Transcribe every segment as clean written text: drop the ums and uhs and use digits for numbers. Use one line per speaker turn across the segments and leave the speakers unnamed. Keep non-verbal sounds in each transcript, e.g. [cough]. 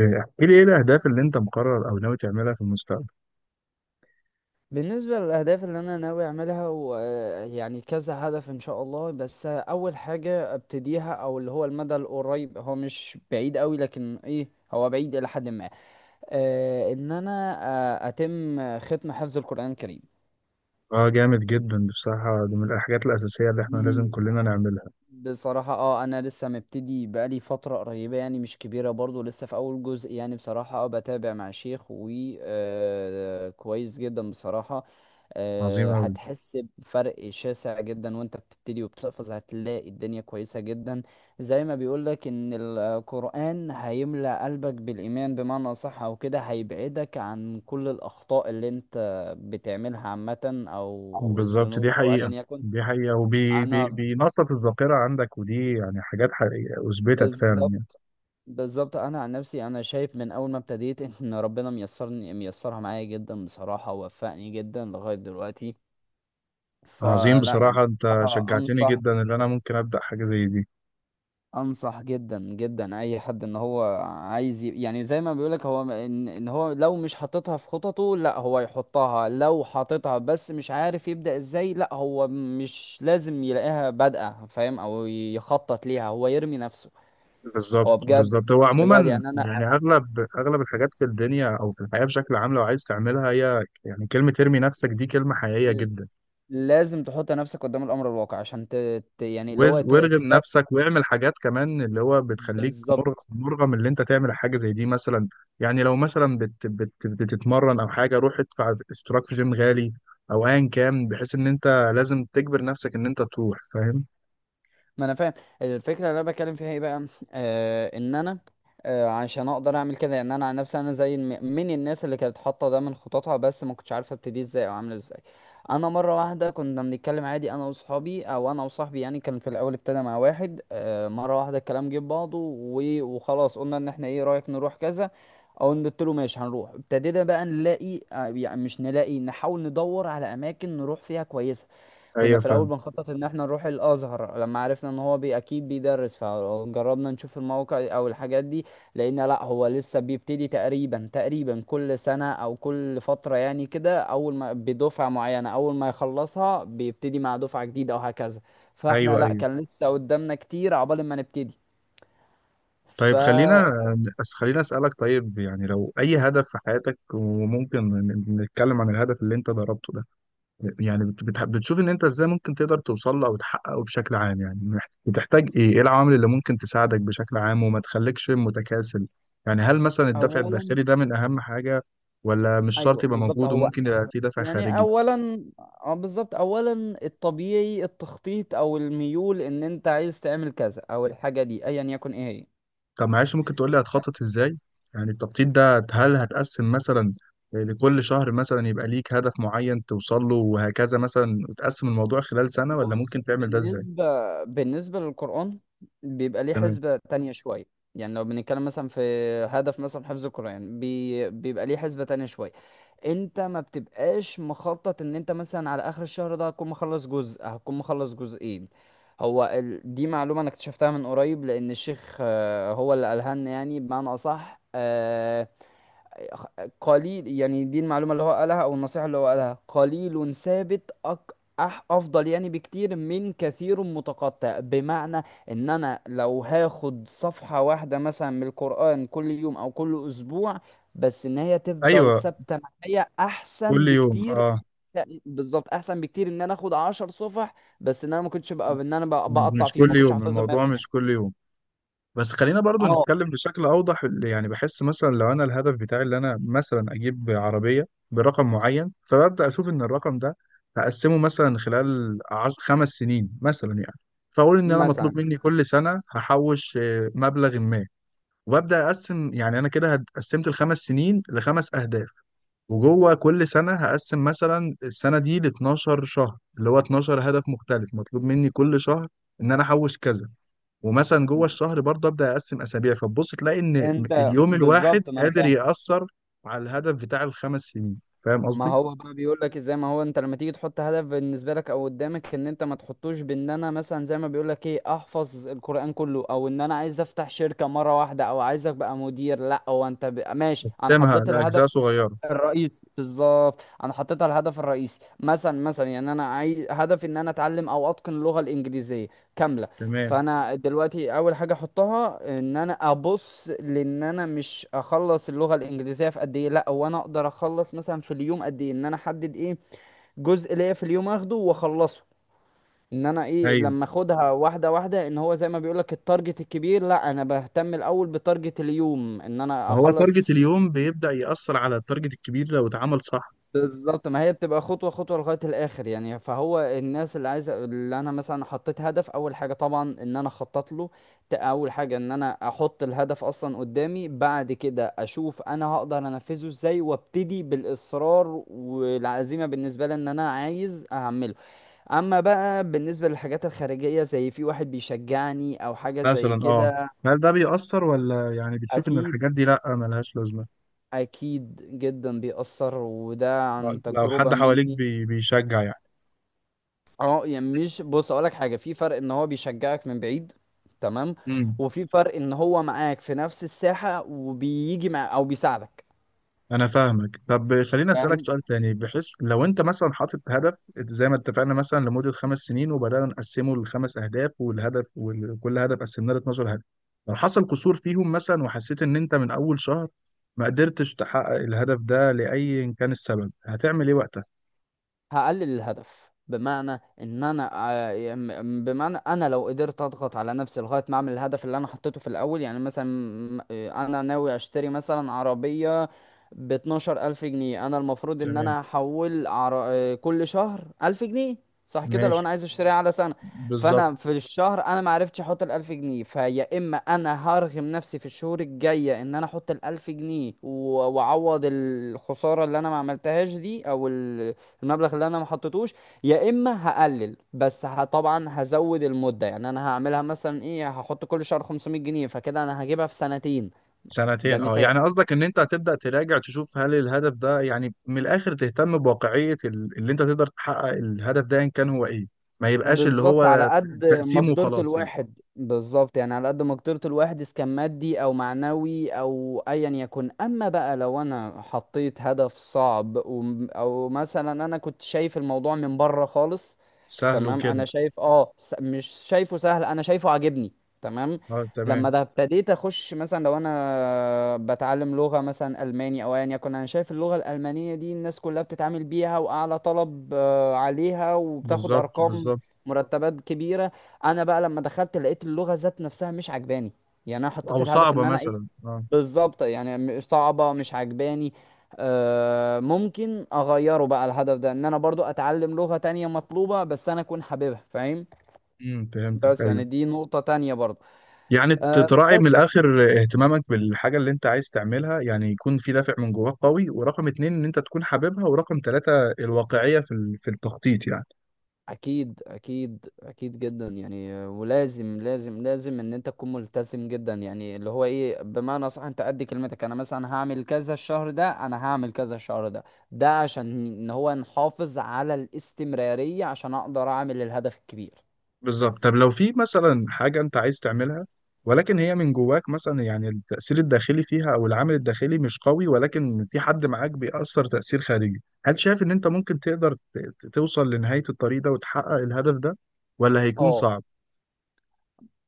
إيه، احكي لي ايه الاهداف اللي انت مقرر او ناوي تعملها في المستقبل؟
بالنسبة للأهداف اللي أنا ناوي أعملها ويعني كذا هدف إن شاء الله، بس أول حاجة أبتديها أو اللي هو المدى القريب، هو مش بعيد أوي لكن إيه، هو بعيد إلى حد ما. إن أنا أتم ختم حفظ القرآن الكريم.
اه، جامد جدا بصراحة، دي من الحاجات الاساسية اللي احنا لازم كلنا نعملها.
بصراحة انا لسه مبتدي، بقالي فترة قريبة يعني مش كبيرة برضو، لسه في اول جزء. يعني بصراحة بتابع مع شيخ و. كويس جدا بصراحة.
عظيم قوي.
هتحس بفرق شاسع جدا وانت بتبتدي وبتحفظ، هتلاقي الدنيا كويسة جدا. زي ما بيقولك ان القرآن هيملأ قلبك بالإيمان بمعنى أصح، او كده هيبعدك عن كل الأخطاء اللي انت بتعملها عامة، او
بالظبط، دي
الذنوب او ايا
حقيقة.
يكن.
دي حقيقة، وبي بي
انا
بينشط الذاكرة عندك، ودي يعني حاجات حقيقية اثبتت فعلا يعني.
بالظبط. بالظبط انا عن نفسي انا شايف من اول ما ابتديت [laughs] ان ربنا ميسرني، ميسرها معايا جدا بصراحه ووفقني جدا لغايه دلوقتي.
عظيم
فلا
بصراحة، انت
بصراحه
شجعتني
انصح،
جدا ان انا ممكن ابدأ حاجة زي دي.
انصح جدا جدا اي حد ان هو عايز يعني زي ما بيقولك. هو ان هو لو مش حاططها في خططه، لا هو يحطها. لو حاططها بس مش عارف يبدا ازاي، لا هو مش لازم يلاقيها بادئه، فاهم؟ او يخطط ليها، هو يرمي نفسه.
بالظبط
هو بجد.
بالظبط، هو
بجد
عموما
يعني
يعني اغلب الحاجات في الدنيا او في الحياة بشكل عام لو عايز تعملها، هي يعني كلمة ارمي نفسك دي كلمة حقيقية جدا.
لازم تحط نفسك قدام الامر الواقع عشان يعني اللي هو
وارغم نفسك واعمل حاجات كمان اللي هو بتخليك
بالظبط.
مرغم اللي انت تعمل حاجه زي دي مثلا. يعني لو مثلا بت بت بتتمرن او حاجه، روح ادفع اشتراك في جيم غالي او ايا كان، بحيث ان انت لازم تجبر نفسك ان انت تروح، فاهم؟
ما انا فاهم الفكره اللي انا بتكلم فيها ايه بقى. ان انا عشان اقدر اعمل كده. يعني انا عن نفسي انا زي من الناس اللي كانت حاطه ده من خططها، بس ما كنتش عارفه ابتدي ازاي او اعمل ازاي. مره واحده كنا بنتكلم عادي، انا واصحابي او انا وصاحبي. يعني كان في الاول ابتدى مع واحد آه، مره واحده الكلام جه في بعضه، وخلاص قلنا ان احنا ايه رايك نروح كذا. او قلت له ماشي هنروح. ابتدينا بقى نلاقي، يعني مش نلاقي، نحاول ندور على اماكن نروح فيها كويسه. كنا
ايوه
في
فاهم.
الاول بنخطط ان احنا نروح الازهر. لما عرفنا ان هو بي اكيد بيدرس، فجربنا نشوف الموقع او الحاجات دي، لقينا لا هو لسه بيبتدي تقريبا. تقريبا كل سنة او كل فترة يعني كده، اول ما بدفعة معينة، اول ما يخلصها بيبتدي مع دفعة جديدة، او هكذا. فاحنا
ايوه،
لا،
ايوه.
كان لسه قدامنا كتير عقبال ما نبتدي.
طيب،
فاولا
خلينا اسالك، طيب يعني لو اي هدف في حياتك، وممكن نتكلم عن الهدف اللي انت ضربته ده، يعني بتشوف ان انت ازاي ممكن تقدر توصل له او تحققه بشكل عام، يعني بتحتاج ايه العوامل اللي ممكن تساعدك بشكل عام وما تخليكش متكاسل؟ يعني هل مثلا الدافع الداخلي ده من اهم حاجة، ولا مش
ايوه
شرط يبقى
بالظبط.
موجود
هو
وممكن يبقى في دافع
يعني
خارجي؟
اولا بالظبط، اولا الطبيعي التخطيط، او الميول ان انت عايز تعمل كذا او الحاجه دي ايا يكن ايه هي.
طب معلش، ممكن تقول لي هتخطط ازاي؟ يعني التخطيط ده هل هتقسم مثلا لكل شهر، مثلا يبقى ليك هدف معين توصل له وهكذا مثلا، وتقسم الموضوع خلال سنة، ولا
بص،
ممكن تعمل ده ازاي؟
بالنسبه للقران، بيبقى ليه
تمام.
حسبه تانية شويه. يعني لو بنتكلم مثلا في هدف مثلا حفظ القران، بيبقى ليه حسبه تانية شويه. انت ما بتبقاش مخطط ان انت مثلا على اخر الشهر ده هتكون مخلص جزء، هتكون مخلص جزئين. دي معلومة انا اكتشفتها من قريب، لان الشيخ هو اللي قالها لنا يعني. بمعنى اصح قليل. يعني دي المعلومة اللي هو قالها أو النصيحة اللي هو قالها: قليل ثابت، أك أح أفضل يعني بكتير من كثير متقطع. بمعنى إن أنا لو هاخد صفحة واحدة مثلا من القرآن كل يوم أو كل أسبوع، بس إن هي تفضل
ايوه،
ثابتة معايا، أحسن
كل يوم
بكتير.
اه.
بالظبط، أحسن بكتير إن أنا آخد عشر صفح بس إن أنا ما كنتش بقى إن بقطع
مش
فيهم ما
كل
كنتش
يوم،
حافظهم
الموضوع مش
100%.
كل يوم، بس خلينا برضو
أه
نتكلم بشكل اوضح. اللي يعني بحس مثلا لو انا الهدف بتاعي اللي انا مثلا اجيب عربيه برقم معين، فببدا اشوف ان الرقم ده هقسمه مثلا خلال خمس سنين مثلا، يعني فاقول ان انا مطلوب
مثلا.
مني كل سنه هحوش مبلغ ما، وببدا اقسم. يعني انا كده قسمت الخمس سنين لخمس اهداف، وجوه كل سنه هقسم مثلا السنه دي ل 12 شهر اللي هو 12 هدف مختلف مطلوب مني كل شهر ان انا احوش كذا، ومثلا جوه الشهر برضه ابدا اقسم اسابيع، فتبص تلاقي ان
أنت
اليوم الواحد
بالظبط. ما أنا
قادر
فاهم.
ياثر على الهدف بتاع الخمس سنين. فاهم
ما
قصدي؟
هو بقى بيقول لك ازاي؟ ما هو انت لما تيجي تحط هدف بالنسبه لك او قدامك، ان انت ما تحطوش بان انا مثلا زي ما بيقول لك ايه، احفظ القران كله، او ان انا عايز افتح شركه مره واحده، او عايز ابقى مدير، لا. هو انت ماشي، انا
قسمها
حطيت
لاجزاء
الهدف
صغيره،
الرئيسي. بالظبط، انا حطيتها الهدف الرئيسي مثلا. مثلا يعني انا عايز هدفي ان انا اتعلم او اتقن اللغه الانجليزيه كامله.
تمام.
فانا دلوقتي اول حاجه احطها ان انا ابص، لان انا مش اخلص اللغه الانجليزيه في قد ايه، لا هو انا اقدر اخلص مثلا في اليوم قد ايه، ان انا احدد ايه جزء ليا في اليوم اخده واخلصه. ان انا ايه،
ايوه،
لما اخدها واحده واحده، ان هو زي ما بيقولك التارجت الكبير لا، انا بهتم الاول بتارجت اليوم، ان انا
ما هو تارجت
اخلص.
اليوم بيبدا ياثر على التارجت الكبير لو اتعمل صح.
بالظبط. ما هي بتبقى خطوة خطوة لغاية الآخر يعني. فهو الناس اللي عايزة اللي أنا مثلا حطيت هدف، أول حاجة طبعا إن أنا أخطط له. أول حاجة إن أنا أحط الهدف أصلا قدامي، بعد كده أشوف أنا هقدر أنفذه إزاي، وأبتدي بالإصرار والعزيمة بالنسبة لي إن أنا عايز أعمله. أما بقى بالنسبة للحاجات الخارجية زي في واحد بيشجعني أو حاجة زي
مثلا اه.
كده،
هل ده بيأثر، ولا يعني بتشوف ان
أكيد.
الحاجات دي لا ملهاش لازمه؟
أكيد جدا بيأثر وده
آه،
عن
لو
تجربة
حد حواليك
مني.
بيشجع يعني.
اه يعني مش، بص اقولك حاجه: في فرق ان هو بيشجعك من بعيد، تمام،
مم.
وفي فرق ان هو معاك في نفس الساحه وبيجي مع، او بيساعدك،
انا فاهمك. طب خليني اسالك سؤال
فاهم؟
تاني، بحيث لو انت مثلا حاطط هدف زي ما اتفقنا مثلا لمده خمس سنين، وبدانا نقسمه لخمس اهداف، وكل هدف قسمناه ل 12 هدف، لو حصل قصور فيهم مثلا وحسيت ان انت من اول شهر ما قدرتش تحقق الهدف ده لاي إن كان السبب، هتعمل ايه وقتها؟
هقلل الهدف، بمعنى ان انا بمعنى انا لو قدرت اضغط على نفسي لغايه ما اعمل الهدف اللي انا حطيته في الاول يعني. مثلا انا ناوي اشتري مثلا عربيه ب 12000 الف جنيه. انا المفروض ان
تمام.
انا احول عر... آه، كل شهر 1000 جنيه، صح كده، لو
ماشي.
انا عايز اشتريها على سنه.
بالظبط.
فانا في الشهر انا ما عرفتش احط ال 1000 جنيه. فيا اما انا هرغم نفسي في الشهور الجايه ان انا احط ال 1000 جنيه، واعوض الخساره اللي انا ما عملتهاش دي، او المبلغ اللي انا ما حطيتوش. يا اما هقلل، بس طبعا هزود المده يعني. انا هعملها مثلا ايه، هحط كل شهر 500 جنيه، فكده انا هجيبها في سنتين. ده
سنتين اه،
مثال،
يعني قصدك ان انت هتبدأ تراجع تشوف هل الهدف ده، يعني من الاخر تهتم بواقعية اللي انت تقدر تحقق الهدف ده ان كان هو ايه، ما يبقاش اللي
بالظبط على
هو
قد
تقسيمه
مقدره
وخلاص يعني؟
الواحد. بالظبط يعني على قد مقدره الواحد، اذا كان مادي او معنوي او ايا يكن. اما بقى لو انا حطيت هدف صعب، او مثلا انا كنت شايف الموضوع من بره خالص،
سهل
تمام،
وكده.
انا شايف، مش شايفه سهل، انا شايفه عاجبني تمام.
اه، تمام.
لما ده ابتديت اخش، مثلا لو انا بتعلم لغة مثلا الماني او ايا يكن، انا شايف اللغة الالمانية دي الناس كلها بتتعامل بيها واعلى طلب عليها وبتاخد
بالظبط
ارقام
بالظبط.
مرتبات كبيرة. انا بقى لما دخلت لقيت اللغة ذات نفسها مش عجباني. يعني انا حطيت
او
الهدف
صعبة
ان انا ايه،
مثلا اه.
بالظبط. يعني صعبة، مش عجباني. ممكن اغيره بقى الهدف ده، ان انا برضو اتعلم لغة تانية مطلوبة بس انا اكون حاببها، فاهم؟
فهمتك،
بس
ايوه.
يعني دي نقطة تانية برضو.
يعني تراعي من
بس
الاخر اهتمامك بالحاجة اللي انت عايز تعملها، يعني يكون في دافع من جواك قوي، ورقم اتنين ان انت تكون حاببها، ورقم تلاتة الواقعية في التخطيط يعني.
اكيد. اكيد اكيد جدا يعني. ولازم. لازم لازم ان انت تكون ملتزم جدا يعني، اللي هو ايه بمعنى صح. انت قد كلمتك، انا مثلا هعمل كذا الشهر ده، انا هعمل كذا الشهر ده، ده عشان ان هو نحافظ على الاستمرارية، عشان اقدر اعمل الهدف الكبير.
بالظبط. طب لو في مثلا حاجة انت عايز تعملها ولكن هي من جواك مثلا، يعني التأثير الداخلي فيها او العامل الداخلي مش قوي، ولكن في حد معاك بيأثر تأثير خارجي، هل شايف ان انت ممكن تقدر توصل لنهاية الطريق ده وتحقق الهدف ده، ولا هيكون
اه
صعب؟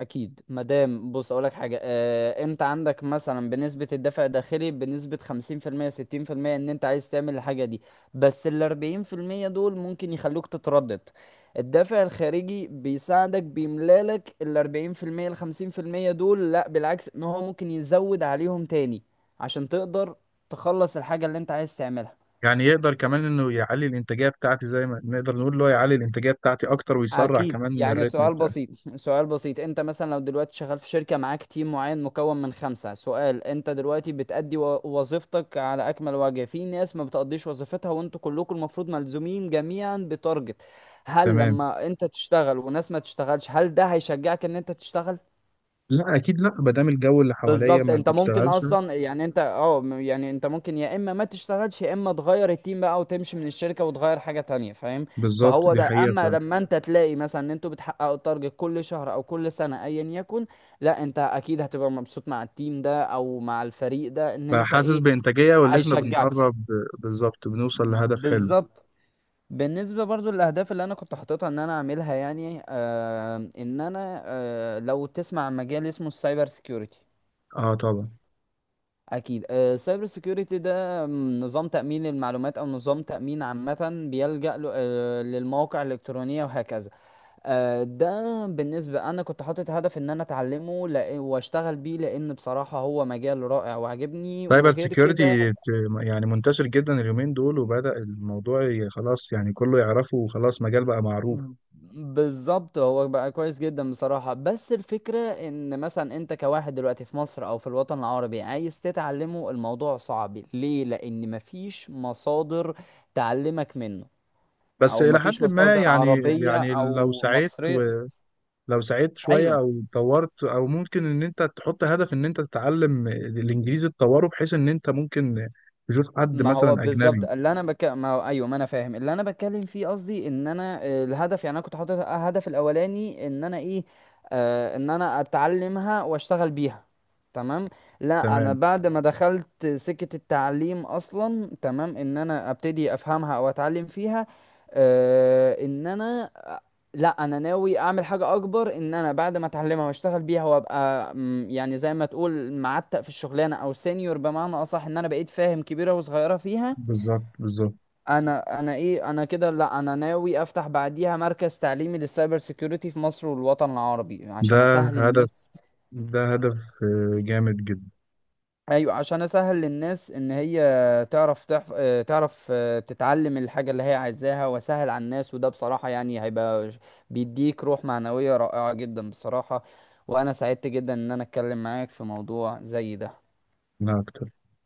اكيد. مادام، بص اقولك حاجه، انت عندك مثلا بنسبه الدفع الداخلي بنسبه 50%، 60% ان انت عايز تعمل الحاجه دي، بس ال 40% دول ممكن يخلوك تتردد. الدافع الخارجي بيساعدك، بيملالك ال 40% ال 50% دول، لا بالعكس ان هو ممكن يزود عليهم تاني، عشان تقدر تخلص الحاجه اللي انت عايز تعملها.
يعني يقدر كمان انه يعلي الانتاجية بتاعتي، زي ما نقدر نقول اللي هو يعلي الانتاجية بتاعتي اكتر ويسرع
اكيد.
كمان من
يعني
الريتم
سؤال
بتاعي.
بسيط [laughs] سؤال بسيط: انت مثلا لو دلوقتي شغال في شركة معاك تيم معين مكون من خمسة، سؤال، انت دلوقتي بتأدي وظيفتك على اكمل وجه، في ناس ما بتقضيش وظيفتها، وانتوا كلكم المفروض ملزومين جميعا بتارجت. هل
تمام.
لما انت تشتغل وناس ما تشتغلش، هل ده هيشجعك ان انت تشتغل؟
لا اكيد لا، ما دام الجو اللي حواليا
بالظبط.
ما
انت ممكن
بيشتغلش.
اصلا يعني، انت يعني انت ممكن يا اما ما تشتغلش، يا اما تغير التيم بقى وتمشي من الشركه وتغير حاجه تانية، فاهم؟
بالظبط،
فهو
دي
ده. اما
حقيقة.
لما انت تلاقي مثلا ان انتوا بتحققوا التارجت كل شهر او كل سنه ايا يكن، لا انت اكيد هتبقى مبسوط مع التيم ده او مع الفريق ده، ان انت
فحاسس
ايه،
بإنتاجية واللي احنا
هيشجعك،
بنقرب. بالظبط، بنوصل لهدف حلو.
بالظبط. بالنسبة برضو للأهداف اللي أنا كنت حاططها إن أنا أعملها، يعني إن أنا لو تسمع عن مجال اسمه السايبر سيكيورتي.
اه طبعا.
اكيد. السايبر سيكيورتي ده نظام تامين المعلومات، او نظام تامين عامه بيلجا للمواقع الالكترونيه وهكذا. ده بالنسبه انا كنت حاطط هدف ان انا اتعلمه واشتغل بيه، لان بصراحه هو مجال رائع وعجبني
سايبر
وغير كده.
سيكيورتي، يعني منتشر جدا اليومين دول، وبدأ الموضوع خلاص يعني كله يعرفه وخلاص، مجال بقى معروف.
ب- بالظبط. هو بقى كويس جدا بصراحة، بس الفكرة ان مثلا انت كواحد دلوقتي في مصر او في الوطن العربي عايز تتعلمه، الموضوع صعب. ليه؟ لان مفيش مصادر تعلمك منه،
بس
او
إلى
مفيش
حد ما
مصادر
يعني
عربية
يعني لو
او
سعيت،
مصرية.
ولو سعيت شوية
ايوه،
أو طورت، أو ممكن إن أنت تحط هدف إن أنت تتعلم الإنجليزي تطوره، بحيث إن أنت ممكن تشوف حد
ما هو
مثلا
بالظبط
أجنبي.
اللي انا ما هو ايوه، ما انا فاهم اللي انا بتكلم فيه. قصدي ان انا الهدف يعني، انا كنت حاطط الهدف الاولاني ان انا ايه، ان انا اتعلمها واشتغل بيها، تمام. لا انا
تمام.
بعد ما دخلت سكة التعليم اصلا، تمام، ان انا ابتدي افهمها او اتعلم فيها. آه ان انا لا انا ناوي اعمل حاجه اكبر، ان انا بعد ما اتعلمها واشتغل بيها، وابقى يعني زي ما تقول معتق في الشغلانه او سينيور بمعنى اصح، ان انا بقيت فاهم كبيره وصغيره فيها.
بالظبط بالظبط.
انا ايه، انا كده لا، انا ناوي افتح بعديها مركز تعليمي للسايبر سيكيورتي في مصر والوطن العربي،
ده
عشان اسهل
هدف،
الناس.
ده هدف آه، جامد جدا.
ايوه، عشان اسهل للناس ان هي تعرف تحف... آه، تعرف تتعلم الحاجه اللي هي عايزاها، واسهل على الناس. وده بصراحه يعني هيبقى بيديك روح معنويه رائعه جدا بصراحه. وانا سعدت جدا ان انا اتكلم معاك في موضوع زي ده.
لا أكتر.